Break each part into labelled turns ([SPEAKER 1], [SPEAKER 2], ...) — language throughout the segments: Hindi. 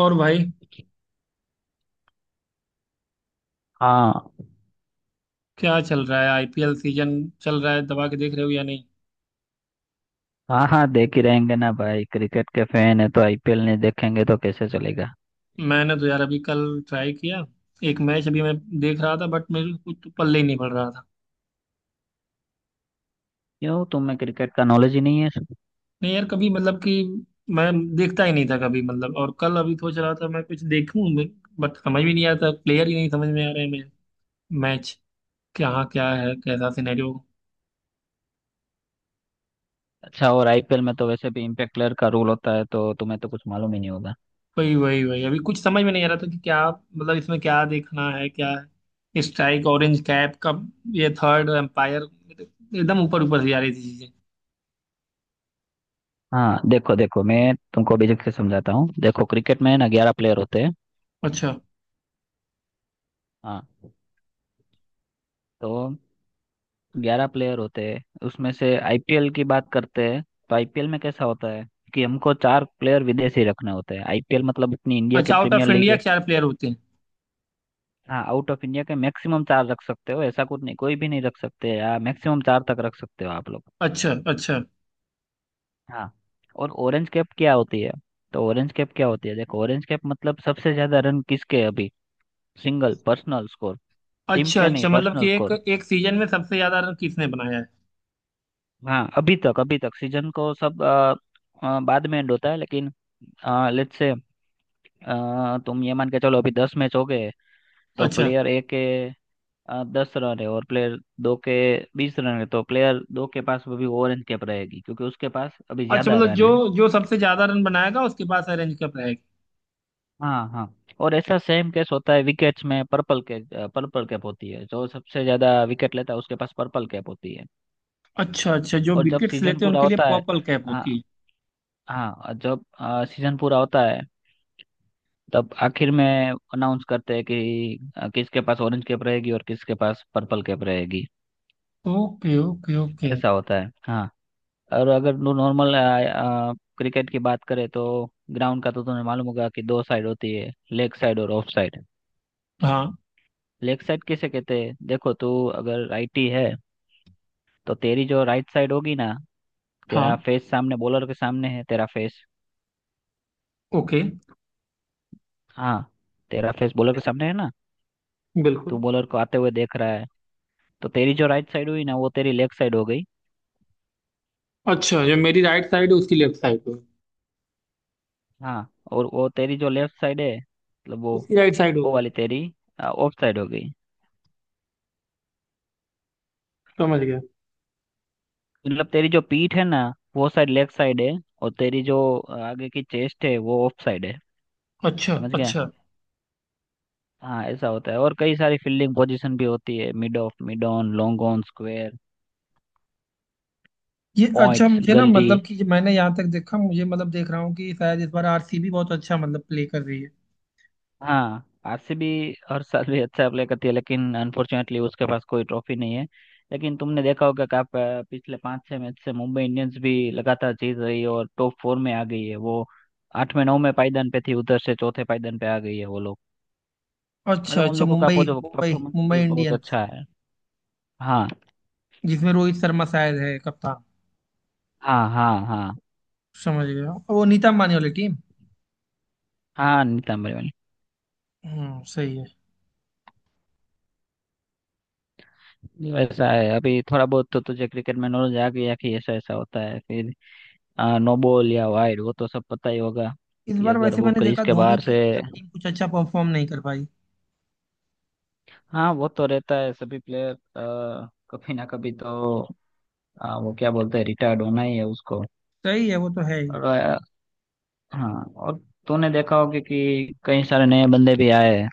[SPEAKER 1] और भाई,
[SPEAKER 2] हाँ
[SPEAKER 1] क्या चल रहा है? आईपीएल सीजन चल रहा है? दबा के देख रहे हो या नहीं?
[SPEAKER 2] हाँ हाँ देख ही रहेंगे ना भाई। क्रिकेट के फैन है तो आईपीएल नहीं देखेंगे तो कैसे चलेगा।
[SPEAKER 1] मैंने तो यार अभी कल ट्राई किया। एक मैच अभी मैं देख रहा था, बट मेरे को कुछ पल्ले ही नहीं पड़ रहा था।
[SPEAKER 2] क्यों तुम्हें क्रिकेट का नॉलेज ही नहीं है?
[SPEAKER 1] नहीं यार, कभी मतलब कि मैं देखता ही नहीं था कभी, मतलब। और कल अभी सोच रहा था मैं कुछ देखूं, बट समझ भी नहीं आता, प्लेयर ही नहीं समझ में आ रहे हैं मुझे। मैच क्या क्या है, कैसा सिनेरियो।
[SPEAKER 2] अच्छा, और आईपीएल में तो वैसे भी इम्पैक्ट प्लेयर का रूल होता है, तो तुम्हें तो कुछ मालूम ही नहीं होगा।
[SPEAKER 1] वही वही वही, अभी कुछ समझ में नहीं आ रहा था कि क्या मतलब इसमें क्या देखना है, क्या है स्ट्राइक, ऑरेंज कैप का, ये थर्ड एम्पायर, एकदम ऊपर ऊपर से जा रही थी चीजें।
[SPEAKER 2] हाँ देखो, देखो मैं तुमको बेझिझक से समझाता हूँ। देखो क्रिकेट में ना 11 प्लेयर होते हैं।
[SPEAKER 1] अच्छा।
[SPEAKER 2] हाँ, तो 11 प्लेयर होते हैं, उसमें से आईपीएल की बात करते हैं तो आईपीएल में कैसा होता है कि हमको 4 प्लेयर विदेशी रखने होते हैं। आईपीएल मतलब अपनी इंडिया की
[SPEAKER 1] अच्छा out
[SPEAKER 2] premier
[SPEAKER 1] of
[SPEAKER 2] league
[SPEAKER 1] India
[SPEAKER 2] है।
[SPEAKER 1] 4 प्लेयर होते हैं?
[SPEAKER 2] हाँ, आउट ऑफ इंडिया के मैक्सिमम 4 रख सकते हो। ऐसा कुछ नहीं कोई भी नहीं रख सकते, या मैक्सिमम 4 तक रख सकते हो आप लोग।
[SPEAKER 1] अच्छा अच्छा।
[SPEAKER 2] हाँ। और ऑरेंज कैप क्या होती है, तो ऑरेंज कैप क्या होती है, देखो ऑरेंज कैप मतलब सबसे ज्यादा रन किसके अभी, सिंगल पर्सनल स्कोर। टीम
[SPEAKER 1] अच्छा
[SPEAKER 2] के नहीं,
[SPEAKER 1] अच्छा मतलब
[SPEAKER 2] पर्सनल
[SPEAKER 1] कि एक
[SPEAKER 2] स्कोर।
[SPEAKER 1] एक सीजन में सबसे ज्यादा रन किसने बनाया है।
[SPEAKER 2] हाँ, अभी तक, अभी तक सीजन को सब बाद में एंड होता है लेकिन, लेट्स से, तुम ये मान के चलो अभी 10 मैच हो गए। तो
[SPEAKER 1] अच्छा
[SPEAKER 2] प्लेयर ए के 10 रन है और प्लेयर दो के 20 रन है, तो प्लेयर दो के पास अभी ओरेंज कैप रहेगी क्योंकि उसके पास अभी
[SPEAKER 1] अच्छा,
[SPEAKER 2] ज्यादा
[SPEAKER 1] मतलब
[SPEAKER 2] रन
[SPEAKER 1] जो
[SPEAKER 2] है।
[SPEAKER 1] जो सबसे ज्यादा रन बनाएगा उसके पास ऑरेंज कैप रहेगी।
[SPEAKER 2] हाँ हाँ और ऐसा सेम केस होता है विकेट्स में, पर्पल कैच, पर्पल कैप होती है। जो सबसे ज्यादा विकेट लेता है उसके पास पर्पल कैप होती है।
[SPEAKER 1] अच्छा अच्छा, जो
[SPEAKER 2] और जब
[SPEAKER 1] विकेट्स
[SPEAKER 2] सीजन
[SPEAKER 1] लेते हैं
[SPEAKER 2] पूरा
[SPEAKER 1] उनके लिए
[SPEAKER 2] होता है,
[SPEAKER 1] पर्पल कैप होती
[SPEAKER 2] हाँ,
[SPEAKER 1] है।
[SPEAKER 2] हाँ और जब सीजन पूरा होता है तब आखिर में अनाउंस करते हैं कि किसके पास ऑरेंज कैप रहेगी और किसके पास पर्पल कैप रहेगी।
[SPEAKER 1] Okay okay okay.
[SPEAKER 2] ऐसा होता है, हाँ। और अगर नॉर्मल क्रिकेट की बात करें तो ग्राउंड का तो तुम्हें मालूम होगा कि दो साइड होती है, लेग साइड और ऑफ साइड।
[SPEAKER 1] हाँ
[SPEAKER 2] लेग साइड किसे कहते हैं, देखो तू अगर राइटी है तो तेरी जो राइट साइड होगी ना, तेरा
[SPEAKER 1] हाँ।
[SPEAKER 2] फेस सामने बॉलर के सामने है, तेरा फेस,
[SPEAKER 1] ओके।
[SPEAKER 2] हाँ, तेरा फेस बॉलर के सामने है ना, तू
[SPEAKER 1] बिल्कुल।
[SPEAKER 2] बॉलर को आते हुए देख रहा है, तो तेरी जो राइट साइड हुई ना वो तेरी लेग साइड हो गई।
[SPEAKER 1] अच्छा, जो मेरी राइट साइड है उसकी लेफ्ट साइड हो गई।
[SPEAKER 2] हाँ, और वो तेरी जो लेफ्ट साइड है, मतलब वो
[SPEAKER 1] उसकी राइट साइड हो
[SPEAKER 2] वो
[SPEAKER 1] गई।
[SPEAKER 2] वाली तेरी ऑफ साइड हो गई।
[SPEAKER 1] समझ गया।
[SPEAKER 2] मतलब तेरी जो पीठ है ना वो साइड लेफ्ट साइड है, और तेरी जो आगे की चेस्ट है वो ऑफ साइड है।
[SPEAKER 1] अच्छा
[SPEAKER 2] समझ गया।
[SPEAKER 1] अच्छा।
[SPEAKER 2] हाँ ऐसा होता है। और कई सारी फील्डिंग पोजीशन भी होती है, mid off, mid on, long on, square,
[SPEAKER 1] ये अच्छा,
[SPEAKER 2] पॉइंट्स,
[SPEAKER 1] मुझे ना
[SPEAKER 2] गली।
[SPEAKER 1] मतलब कि ये मैंने यहाँ तक देखा मुझे, मतलब देख रहा हूँ कि शायद इस बार आरसीबी बहुत अच्छा मतलब प्ले कर रही है।
[SPEAKER 2] हाँ, आरसीबी हर साल भी अच्छा प्ले करती है, लेकिन अनफॉर्चुनेटली उसके पास कोई ट्रॉफी नहीं है। लेकिन तुमने देखा होगा कि आप पिछले 5 6 मैच से मुंबई इंडियंस भी लगातार जीत रही है और टॉप फोर में आ गई है वो। आठवें नौवें पायदान पे थी, उधर से चौथे पायदान पे आ गई है वो लोग।
[SPEAKER 1] अच्छा
[SPEAKER 2] मतलब उन
[SPEAKER 1] अच्छा,
[SPEAKER 2] लोगों का
[SPEAKER 1] मुंबई मुंबई
[SPEAKER 2] परफॉर्मेंस
[SPEAKER 1] मुंबई
[SPEAKER 2] भी बहुत
[SPEAKER 1] इंडियंस,
[SPEAKER 2] अच्छा है। हाँ।
[SPEAKER 1] जिसमें रोहित शर्मा शायद है कप्तान।
[SPEAKER 2] हाँ,
[SPEAKER 1] समझ गया, वो नीता अंबानी वाली टीम।
[SPEAKER 2] हाँ नीतंबर वाली।
[SPEAKER 1] हम्म, सही है।
[SPEAKER 2] ये वैसा है, अभी थोड़ा बहुत तो तुझे क्रिकेट में नॉलेज आ गया कि ऐसा ऐसा होता है फिर। नो बॉल या वाइड वो तो सब पता ही होगा
[SPEAKER 1] इस
[SPEAKER 2] कि
[SPEAKER 1] बार
[SPEAKER 2] अगर
[SPEAKER 1] वैसे
[SPEAKER 2] वो
[SPEAKER 1] मैंने
[SPEAKER 2] क्रीज
[SPEAKER 1] देखा
[SPEAKER 2] के
[SPEAKER 1] धोनी
[SPEAKER 2] बाहर से,
[SPEAKER 1] की मतलब टीम कुछ अच्छा परफॉर्म नहीं कर पाई।
[SPEAKER 2] हाँ, वो तो रहता है सभी प्लेयर। कभी ना कभी तो वो क्या बोलते हैं, रिटायर्ड होना ही है उसको।
[SPEAKER 1] सही है, वो तो है ही।
[SPEAKER 2] और हाँ, और तूने देखा होगा कि कई सारे नए बंदे भी आए हैं।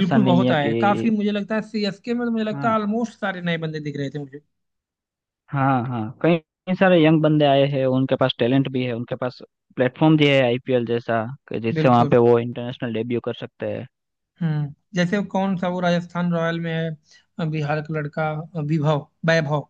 [SPEAKER 2] ऐसा नहीं
[SPEAKER 1] बहुत
[SPEAKER 2] है
[SPEAKER 1] आया
[SPEAKER 2] कि,
[SPEAKER 1] है, काफी मुझे लगता है सीएसके में तो मुझे लगता
[SPEAKER 2] हाँ,
[SPEAKER 1] है ऑलमोस्ट सारे नए बंदे दिख रहे थे मुझे।
[SPEAKER 2] हाँ हाँ, कई कई सारे यंग बंदे आए हैं, उनके पास टैलेंट भी है, उनके पास प्लेटफॉर्म भी है आईपीएल जैसा, कि जिससे वहाँ
[SPEAKER 1] बिल्कुल।
[SPEAKER 2] पे वो इंटरनेशनल डेब्यू कर सकते हैं।
[SPEAKER 1] हम्म, जैसे कौन सा वो राजस्थान रॉयल में है, बिहार का लड़का, अ, विभव वैभव।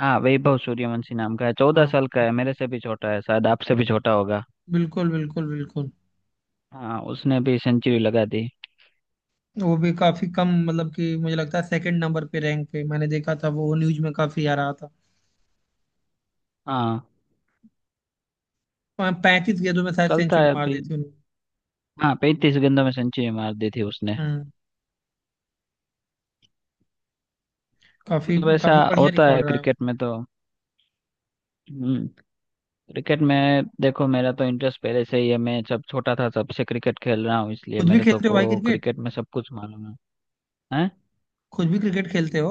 [SPEAKER 2] हाँ वैभव सूर्यवंशी नाम का है, चौदह
[SPEAKER 1] हाँ।
[SPEAKER 2] साल का
[SPEAKER 1] हाँ,
[SPEAKER 2] है, मेरे से भी छोटा है, शायद आपसे भी छोटा होगा।
[SPEAKER 1] बिल्कुल बिल्कुल बिल्कुल।
[SPEAKER 2] हाँ उसने भी सेंचुरी लगा दी।
[SPEAKER 1] वो भी काफी कम मतलब कि मुझे लगता है सेकंड नंबर पे, रैंक पे मैंने देखा था, वो न्यूज में काफी आ रहा था।
[SPEAKER 2] हाँ,
[SPEAKER 1] हाँ, 35 गेंदों में शायद
[SPEAKER 2] चलता
[SPEAKER 1] सेंचुरी
[SPEAKER 2] है
[SPEAKER 1] मार दी
[SPEAKER 2] अभी।
[SPEAKER 1] थी उन्होंने।
[SPEAKER 2] हाँ 35 गेंदों में सेंचुरी मार दी थी उसने।
[SPEAKER 1] हम्म। काफी
[SPEAKER 2] मतलब ऐसा
[SPEAKER 1] काफी बढ़िया
[SPEAKER 2] होता है
[SPEAKER 1] रिकॉर्ड रहा है
[SPEAKER 2] क्रिकेट
[SPEAKER 1] उसका।
[SPEAKER 2] में तो। हम्म। क्रिकेट में देखो मेरा तो इंटरेस्ट पहले से ही है, मैं जब छोटा था तब से क्रिकेट खेल रहा हूँ, इसलिए
[SPEAKER 1] खुद भी
[SPEAKER 2] मेरे तो
[SPEAKER 1] खेलते हो भाई
[SPEAKER 2] को
[SPEAKER 1] क्रिकेट?
[SPEAKER 2] क्रिकेट में सब कुछ मालूम है। हैं?
[SPEAKER 1] खुद भी क्रिकेट खेलते हो?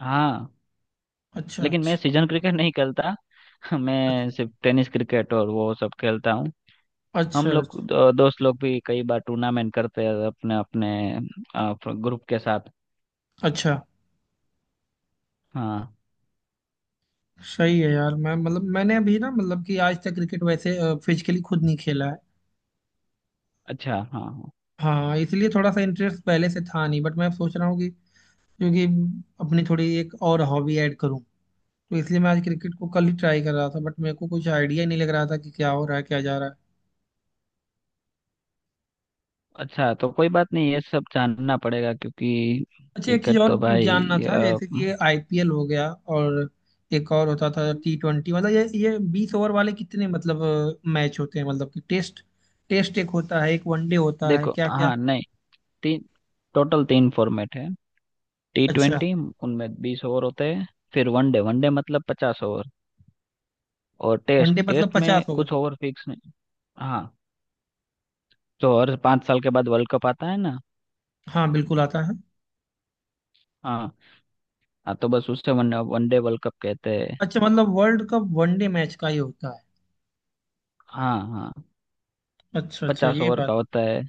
[SPEAKER 2] हाँ।
[SPEAKER 1] अच्छा
[SPEAKER 2] लेकिन मैं
[SPEAKER 1] अच्छा।
[SPEAKER 2] सीजन क्रिकेट नहीं खेलता। मैं सिर्फ टेनिस क्रिकेट और वो सब खेलता हूँ।
[SPEAKER 1] अच्छा
[SPEAKER 2] हम लोग
[SPEAKER 1] अच्छा।
[SPEAKER 2] दो, दोस्त लोग भी कई बार टूर्नामेंट करते हैं अपने अपने ग्रुप के साथ।
[SPEAKER 1] अच्छा।
[SPEAKER 2] हाँ।
[SPEAKER 1] सही है यार, मैं मतलब मैंने अभी ना मतलब कि आज तक क्रिकेट वैसे फिजिकली खुद नहीं खेला है।
[SPEAKER 2] अच्छा, हाँ हाँ।
[SPEAKER 1] हाँ, इसलिए थोड़ा सा इंटरेस्ट पहले से था नहीं, बट मैं सोच रहा हूँ कि, क्योंकि अपनी थोड़ी एक और हॉबी ऐड करूँ, तो इसलिए मैं आज क्रिकेट को कल ही ट्राई कर रहा था, बट मेरे को कुछ आइडिया ही नहीं लग रहा था कि क्या हो रहा है क्या जा रहा है।
[SPEAKER 2] अच्छा तो कोई बात नहीं, ये सब जानना पड़ेगा क्योंकि
[SPEAKER 1] अच्छा, एक चीज़
[SPEAKER 2] क्रिकेट
[SPEAKER 1] और
[SPEAKER 2] तो
[SPEAKER 1] जानना
[SPEAKER 2] भाई
[SPEAKER 1] था, जैसे कि ये आईपीएल हो गया, और एक और होता था T20। मतलब ये 20 ओवर वाले कितने मतलब मैच होते हैं, मतलब कि टेस्ट टेस्ट एक होता है, एक वनडे होता है,
[SPEAKER 2] देखो,
[SPEAKER 1] क्या क्या।
[SPEAKER 2] हाँ नहीं, तीन, टोटल तीन फॉर्मेट है। टी
[SPEAKER 1] अच्छा।
[SPEAKER 2] ट्वेंटी, उनमें 20 ओवर होते हैं। फिर वनडे, वनडे मतलब 50 ओवर। और टेस्ट,
[SPEAKER 1] वनडे मतलब
[SPEAKER 2] टेस्ट में
[SPEAKER 1] 50 ओवर।
[SPEAKER 2] कुछ ओवर फिक्स नहीं। हाँ तो हर 5 साल के बाद वर्ल्ड कप आता है ना।
[SPEAKER 1] हाँ बिल्कुल आता है।
[SPEAKER 2] हाँ, हाँ तो बस उससे वन वनडे वर्ल्ड कप कहते हैं।
[SPEAKER 1] अच्छा, मतलब वर्ल्ड कप वनडे मैच का ही होता है?
[SPEAKER 2] हाँ हाँ,
[SPEAKER 1] अच्छा अच्छा,
[SPEAKER 2] पचास
[SPEAKER 1] ये
[SPEAKER 2] ओवर
[SPEAKER 1] बात।
[SPEAKER 2] का होता है।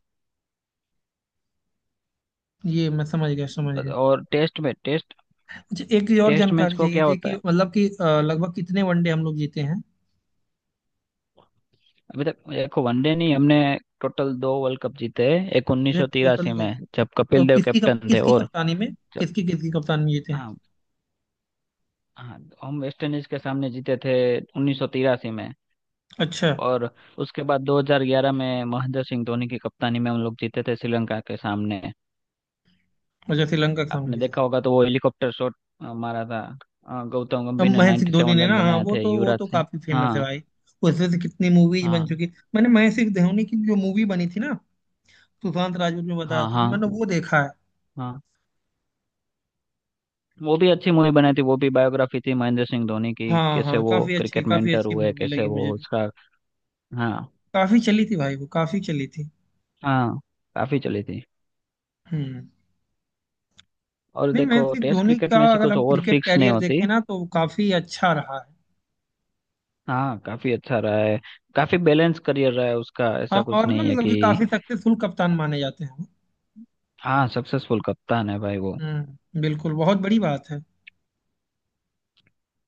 [SPEAKER 1] ये मैं समझ गया, समझ
[SPEAKER 2] बस।
[SPEAKER 1] गया।
[SPEAKER 2] और टेस्ट में, टेस्ट
[SPEAKER 1] अच्छा, एक ये और
[SPEAKER 2] टेस्ट मैच
[SPEAKER 1] जानकारी
[SPEAKER 2] को
[SPEAKER 1] चाहिए
[SPEAKER 2] क्या
[SPEAKER 1] थी
[SPEAKER 2] होता
[SPEAKER 1] कि
[SPEAKER 2] है,
[SPEAKER 1] मतलब कि लगभग कितने वनडे हम लोग जीते हैं?
[SPEAKER 2] अभी तक देखो वनडे नहीं हमने टोटल 2 वर्ल्ड कप जीते हैं। एक उन्नीस
[SPEAKER 1] मुझे
[SPEAKER 2] सौ
[SPEAKER 1] टोटल
[SPEAKER 2] तिरासी
[SPEAKER 1] दो।
[SPEAKER 2] में जब
[SPEAKER 1] तो
[SPEAKER 2] कपिल देव
[SPEAKER 1] किसकी
[SPEAKER 2] कैप्टन थे,
[SPEAKER 1] किसकी
[SPEAKER 2] और
[SPEAKER 1] कप्तानी में,
[SPEAKER 2] जब,
[SPEAKER 1] किसकी किसकी कप्तानी में जीते हैं?
[SPEAKER 2] हाँ, हाँ हम वेस्ट इंडीज के सामने जीते थे 1983 में।
[SPEAKER 1] अच्छा।
[SPEAKER 2] और उसके बाद 2011 में महेंद्र सिंह धोनी की कप्तानी में हम लोग जीते थे श्रीलंका के सामने।
[SPEAKER 1] अच्छा, श्रीलंका के सामने
[SPEAKER 2] आपने
[SPEAKER 1] जीते थे।
[SPEAKER 2] देखा होगा तो वो हेलीकॉप्टर शॉट मारा था। गौतम
[SPEAKER 1] अब
[SPEAKER 2] गंभीर ने
[SPEAKER 1] महेंद्र सिंह धोनी ने
[SPEAKER 2] 97 रन
[SPEAKER 1] ना, हाँ
[SPEAKER 2] बनाए
[SPEAKER 1] वो
[SPEAKER 2] थे,
[SPEAKER 1] तो वो
[SPEAKER 2] युवराज
[SPEAKER 1] तो
[SPEAKER 2] सिंह,
[SPEAKER 1] काफी फेमस है
[SPEAKER 2] हाँ
[SPEAKER 1] भाई, उसमें से कितनी मूवीज बन
[SPEAKER 2] हाँ
[SPEAKER 1] चुकी। मैंने महेंद्र सिंह धोनी की जो मूवी बनी थी ना सुशांत राजपूत में बताया
[SPEAKER 2] हाँ
[SPEAKER 1] था, तो मैंने
[SPEAKER 2] हाँ
[SPEAKER 1] वो देखा है।
[SPEAKER 2] हाँ वो भी अच्छी मूवी बनाई थी, वो भी बायोग्राफी थी महेंद्र सिंह धोनी की,
[SPEAKER 1] हाँ
[SPEAKER 2] कैसे
[SPEAKER 1] हाँ,
[SPEAKER 2] वो
[SPEAKER 1] काफी अच्छी,
[SPEAKER 2] क्रिकेट में
[SPEAKER 1] काफी
[SPEAKER 2] enter
[SPEAKER 1] अच्छी
[SPEAKER 2] हुए,
[SPEAKER 1] मूवी
[SPEAKER 2] कैसे
[SPEAKER 1] लगी मुझे
[SPEAKER 2] वो
[SPEAKER 1] भी।
[SPEAKER 2] उसका। हाँ
[SPEAKER 1] काफी चली थी भाई, वो काफी चली थी।
[SPEAKER 2] हाँ, काफी चली थी।
[SPEAKER 1] हम्म।
[SPEAKER 2] और
[SPEAKER 1] नहीं,
[SPEAKER 2] देखो
[SPEAKER 1] महेंद्र सिंह
[SPEAKER 2] टेस्ट
[SPEAKER 1] धोनी
[SPEAKER 2] क्रिकेट
[SPEAKER 1] का
[SPEAKER 2] में ऐसी
[SPEAKER 1] अगर
[SPEAKER 2] कुछ
[SPEAKER 1] हम
[SPEAKER 2] और
[SPEAKER 1] क्रिकेट
[SPEAKER 2] फिक्स नहीं
[SPEAKER 1] कैरियर
[SPEAKER 2] होती।
[SPEAKER 1] देखें ना, तो वो काफी अच्छा रहा है।
[SPEAKER 2] हाँ काफी अच्छा रहा है, काफी बैलेंस करियर रहा है उसका,
[SPEAKER 1] हाँ,
[SPEAKER 2] ऐसा
[SPEAKER 1] और
[SPEAKER 2] कुछ
[SPEAKER 1] ना
[SPEAKER 2] नहीं है
[SPEAKER 1] मतलब कि
[SPEAKER 2] कि।
[SPEAKER 1] काफी सक्सेसफुल कप्तान माने जाते हैं वो।
[SPEAKER 2] हाँ, सक्सेसफुल कप्तान है भाई वो।
[SPEAKER 1] हम्म, बिल्कुल बहुत बड़ी बात है।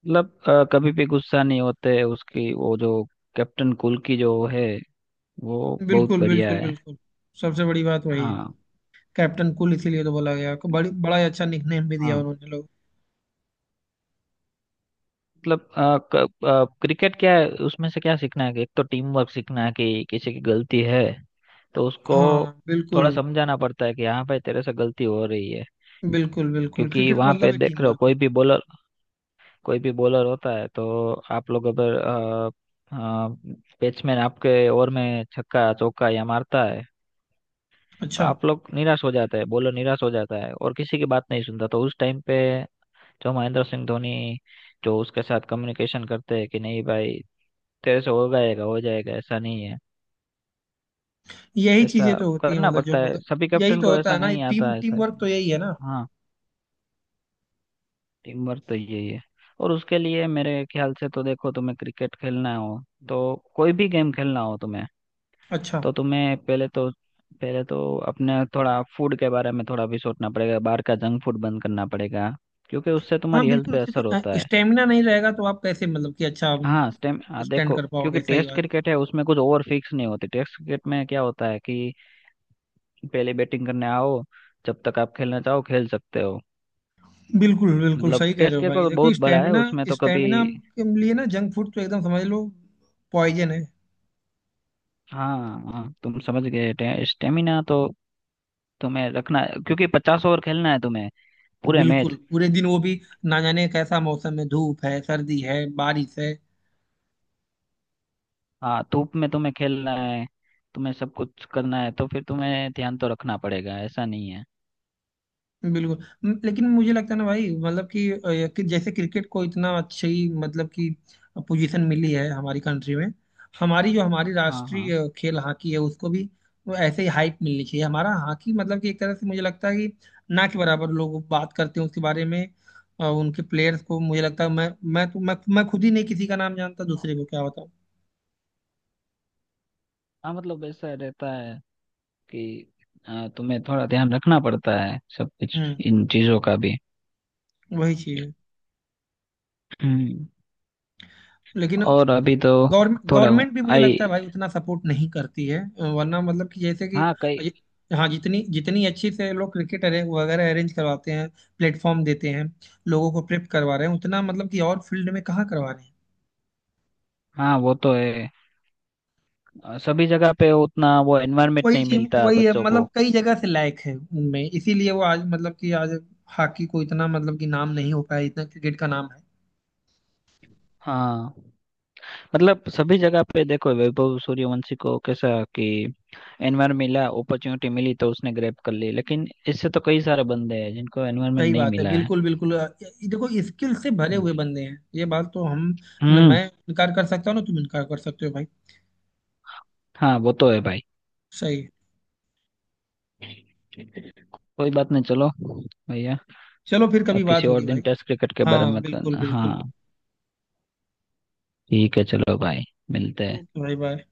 [SPEAKER 2] मतलब कभी भी गुस्सा नहीं होते, उसकी वो जो कैप्टन कूल की जो है, वो बहुत
[SPEAKER 1] बिल्कुल
[SPEAKER 2] बढ़िया
[SPEAKER 1] बिल्कुल
[SPEAKER 2] है।
[SPEAKER 1] बिल्कुल। सबसे बड़ी बात वही है।
[SPEAKER 2] हाँ।
[SPEAKER 1] कैप्टन कूल इसीलिए तो बोला गया, बड़ी, बड़ा ही अच्छा निकनेम भी दिया
[SPEAKER 2] हाँ
[SPEAKER 1] उन्होंने लोग।
[SPEAKER 2] मतलब अ, क- क्रिकेट क्या है, उसमें से क्या सीखना है कि एक तो टीम वर्क सीखना है कि किसी की गलती है तो उसको
[SPEAKER 1] हाँ,
[SPEAKER 2] थोड़ा
[SPEAKER 1] बिल्कुल
[SPEAKER 2] समझाना पड़ता है कि हाँ भाई तेरे से गलती हो रही है।
[SPEAKER 1] बिल्कुल बिल्कुल,
[SPEAKER 2] क्योंकि
[SPEAKER 1] क्रिकेट का
[SPEAKER 2] वहां
[SPEAKER 1] मतलब
[SPEAKER 2] पे
[SPEAKER 1] ही
[SPEAKER 2] देख
[SPEAKER 1] टीम
[SPEAKER 2] रहे हो,
[SPEAKER 1] वर्क है।
[SPEAKER 2] कोई भी बॉलर होता है तो आप लोग अगर, बैट्समैन आपके ओवर में छक्का चौका या मारता है तो
[SPEAKER 1] अच्छा,
[SPEAKER 2] आप लोग निराश हो जाते हैं, बोलो निराश हो जाता है, और किसी की बात नहीं सुनता, तो उस टाइम पे जो महेंद्र सिंह धोनी जो उसके साथ कम्युनिकेशन करते हैं कि नहीं भाई तेरे से हो जाएगा, हो जाएगा, ऐसा नहीं है।
[SPEAKER 1] यही
[SPEAKER 2] ऐसा
[SPEAKER 1] चीजें तो होती है
[SPEAKER 2] करना
[SPEAKER 1] मतलब जो,
[SPEAKER 2] पड़ता है
[SPEAKER 1] मतलब
[SPEAKER 2] सभी
[SPEAKER 1] यही
[SPEAKER 2] कैप्टन
[SPEAKER 1] तो
[SPEAKER 2] को,
[SPEAKER 1] होता
[SPEAKER 2] ऐसा
[SPEAKER 1] है ना,
[SPEAKER 2] नहीं आता
[SPEAKER 1] टीम
[SPEAKER 2] है
[SPEAKER 1] टीम
[SPEAKER 2] ऐसा।
[SPEAKER 1] वर्क तो यही है ना।
[SPEAKER 2] हाँ, टीम वर्क तो यही है। और उसके लिए मेरे ख्याल से तो देखो, तुम्हें क्रिकेट खेलना हो तो कोई भी गेम खेलना हो तुम्हें,
[SPEAKER 1] अच्छा।
[SPEAKER 2] तो तुम्हें पहले तो, पहले तो अपने थोड़ा फूड के बारे में थोड़ा भी सोचना पड़ेगा, बाहर का जंक फूड बंद करना पड़ेगा, क्योंकि उससे
[SPEAKER 1] हाँ
[SPEAKER 2] तुम्हारी हेल्थ
[SPEAKER 1] बिल्कुल,
[SPEAKER 2] पे असर होता
[SPEAKER 1] क्योंकि
[SPEAKER 2] है।
[SPEAKER 1] स्टेमिना नहीं रहेगा तो आप कैसे मतलब कि अच्छा
[SPEAKER 2] हाँ,
[SPEAKER 1] स्टैंड
[SPEAKER 2] देखो
[SPEAKER 1] कर
[SPEAKER 2] क्योंकि
[SPEAKER 1] पाओगे, सही
[SPEAKER 2] टेस्ट
[SPEAKER 1] बात
[SPEAKER 2] क्रिकेट है उसमें कुछ ओवर फिक्स नहीं होती, टेस्ट क्रिकेट में क्या होता है कि पहले बैटिंग करने आओ, जब तक आप खेलना चाहो खेल सकते हो।
[SPEAKER 1] है। बिल्कुल बिल्कुल,
[SPEAKER 2] मतलब
[SPEAKER 1] सही कह रहे
[SPEAKER 2] टेस्ट
[SPEAKER 1] हो
[SPEAKER 2] क्रिकेट
[SPEAKER 1] भाई,
[SPEAKER 2] तो
[SPEAKER 1] देखो
[SPEAKER 2] बहुत बड़ा है,
[SPEAKER 1] स्टेमिना,
[SPEAKER 2] उसमें तो कभी,
[SPEAKER 1] स्टेमिना के लिए ना जंक फूड तो एकदम समझ लो, पॉइजन है।
[SPEAKER 2] हाँ। हाँ तुम समझ गए, स्टेमिना तो तुम्हें रखना, क्योंकि 50 ओवर खेलना है तुम्हें पूरे
[SPEAKER 1] बिल्कुल,
[SPEAKER 2] मैच।
[SPEAKER 1] पूरे दिन वो भी ना जाने कैसा मौसम है, धूप है, सर्दी है, बारिश है।
[SPEAKER 2] हाँ, धूप में तुम्हें खेलना है, तुम्हें सब कुछ करना है, तो फिर तुम्हें ध्यान तो रखना पड़ेगा ऐसा नहीं है।
[SPEAKER 1] बिल्कुल। लेकिन मुझे लगता है ना भाई मतलब कि, कि जैसे क्रिकेट को इतना अच्छी मतलब कि पोजीशन मिली है हमारी कंट्री में, हमारी जो हमारी
[SPEAKER 2] हाँ
[SPEAKER 1] राष्ट्रीय
[SPEAKER 2] हाँ
[SPEAKER 1] खेल हॉकी है उसको भी वो ऐसे ही हाइप मिलनी चाहिए। हमारा हॉकी मतलब कि एक तरह से मुझे लगता है कि ना के बराबर लोग बात करते हैं उसके बारे में। उनके प्लेयर्स को मुझे लगता है, मैं तो मैं खुद ही नहीं किसी का नाम जानता, दूसरे को क्या बताऊं।
[SPEAKER 2] हाँ मतलब ऐसा रहता है कि तुम्हें थोड़ा ध्यान रखना पड़ता है सब कुछ
[SPEAKER 1] हम्म,
[SPEAKER 2] इन चीजों का भी।
[SPEAKER 1] वही चीज है।
[SPEAKER 2] हम्म।
[SPEAKER 1] लेकिन
[SPEAKER 2] और अभी तो
[SPEAKER 1] गवर्नमेंट
[SPEAKER 2] थोड़ा
[SPEAKER 1] गवर्नमेंट भी मुझे
[SPEAKER 2] आई,
[SPEAKER 1] लगता है भाई उतना सपोर्ट नहीं करती है, वरना मतलब कि जैसे कि
[SPEAKER 2] हाँ कई,
[SPEAKER 1] हाँ जितनी जितनी अच्छी से लोग क्रिकेट अरे वगैरह अरेंज करवाते हैं, प्लेटफॉर्म देते हैं, लोगों को प्रेप करवा रहे हैं, उतना मतलब कि और फील्ड में कहाँ करवा रहे हैं।
[SPEAKER 2] हाँ वो तो है। सभी जगह पे उतना वो एनवायरमेंट
[SPEAKER 1] वही
[SPEAKER 2] नहीं
[SPEAKER 1] टीम
[SPEAKER 2] मिलता
[SPEAKER 1] वही है,
[SPEAKER 2] बच्चों को।
[SPEAKER 1] मतलब कई जगह से लायक है उनमें, इसीलिए वो आज मतलब कि आज हॉकी को इतना मतलब कि नाम नहीं हो पाया, इतना क्रिकेट का नाम है।
[SPEAKER 2] हाँ, मतलब सभी जगह पे देखो वैभव सूर्यवंशी को कैसा कि एनवायरमेंट मिला, अपॉर्चुनिटी मिली तो उसने ग्रैब कर ली, लेकिन इससे तो कई सारे बंदे हैं जिनको एनवायरमेंट
[SPEAKER 1] सही
[SPEAKER 2] नहीं
[SPEAKER 1] बात है
[SPEAKER 2] मिला है।
[SPEAKER 1] बिल्कुल बिल्कुल, ये देखो स्किल से भरे
[SPEAKER 2] हम्म,
[SPEAKER 1] हुए बंदे हैं, ये बात तो हम न,
[SPEAKER 2] हम्म।
[SPEAKER 1] मैं इनकार कर सकता हूँ ना तुम इनकार कर सकते हो भाई।
[SPEAKER 2] हाँ वो तो है भाई।
[SPEAKER 1] सही।
[SPEAKER 2] कोई बात नहीं, चलो भैया,
[SPEAKER 1] चलो फिर कभी
[SPEAKER 2] अब
[SPEAKER 1] बात
[SPEAKER 2] किसी और
[SPEAKER 1] होगी भाई।
[SPEAKER 2] दिन टेस्ट क्रिकेट के बारे में
[SPEAKER 1] हाँ
[SPEAKER 2] बात
[SPEAKER 1] बिल्कुल
[SPEAKER 2] करना
[SPEAKER 1] बिल्कुल।
[SPEAKER 2] हाँ। ठीक है चलो भाई, मिलते हैं।
[SPEAKER 1] ओके भाई, बाय।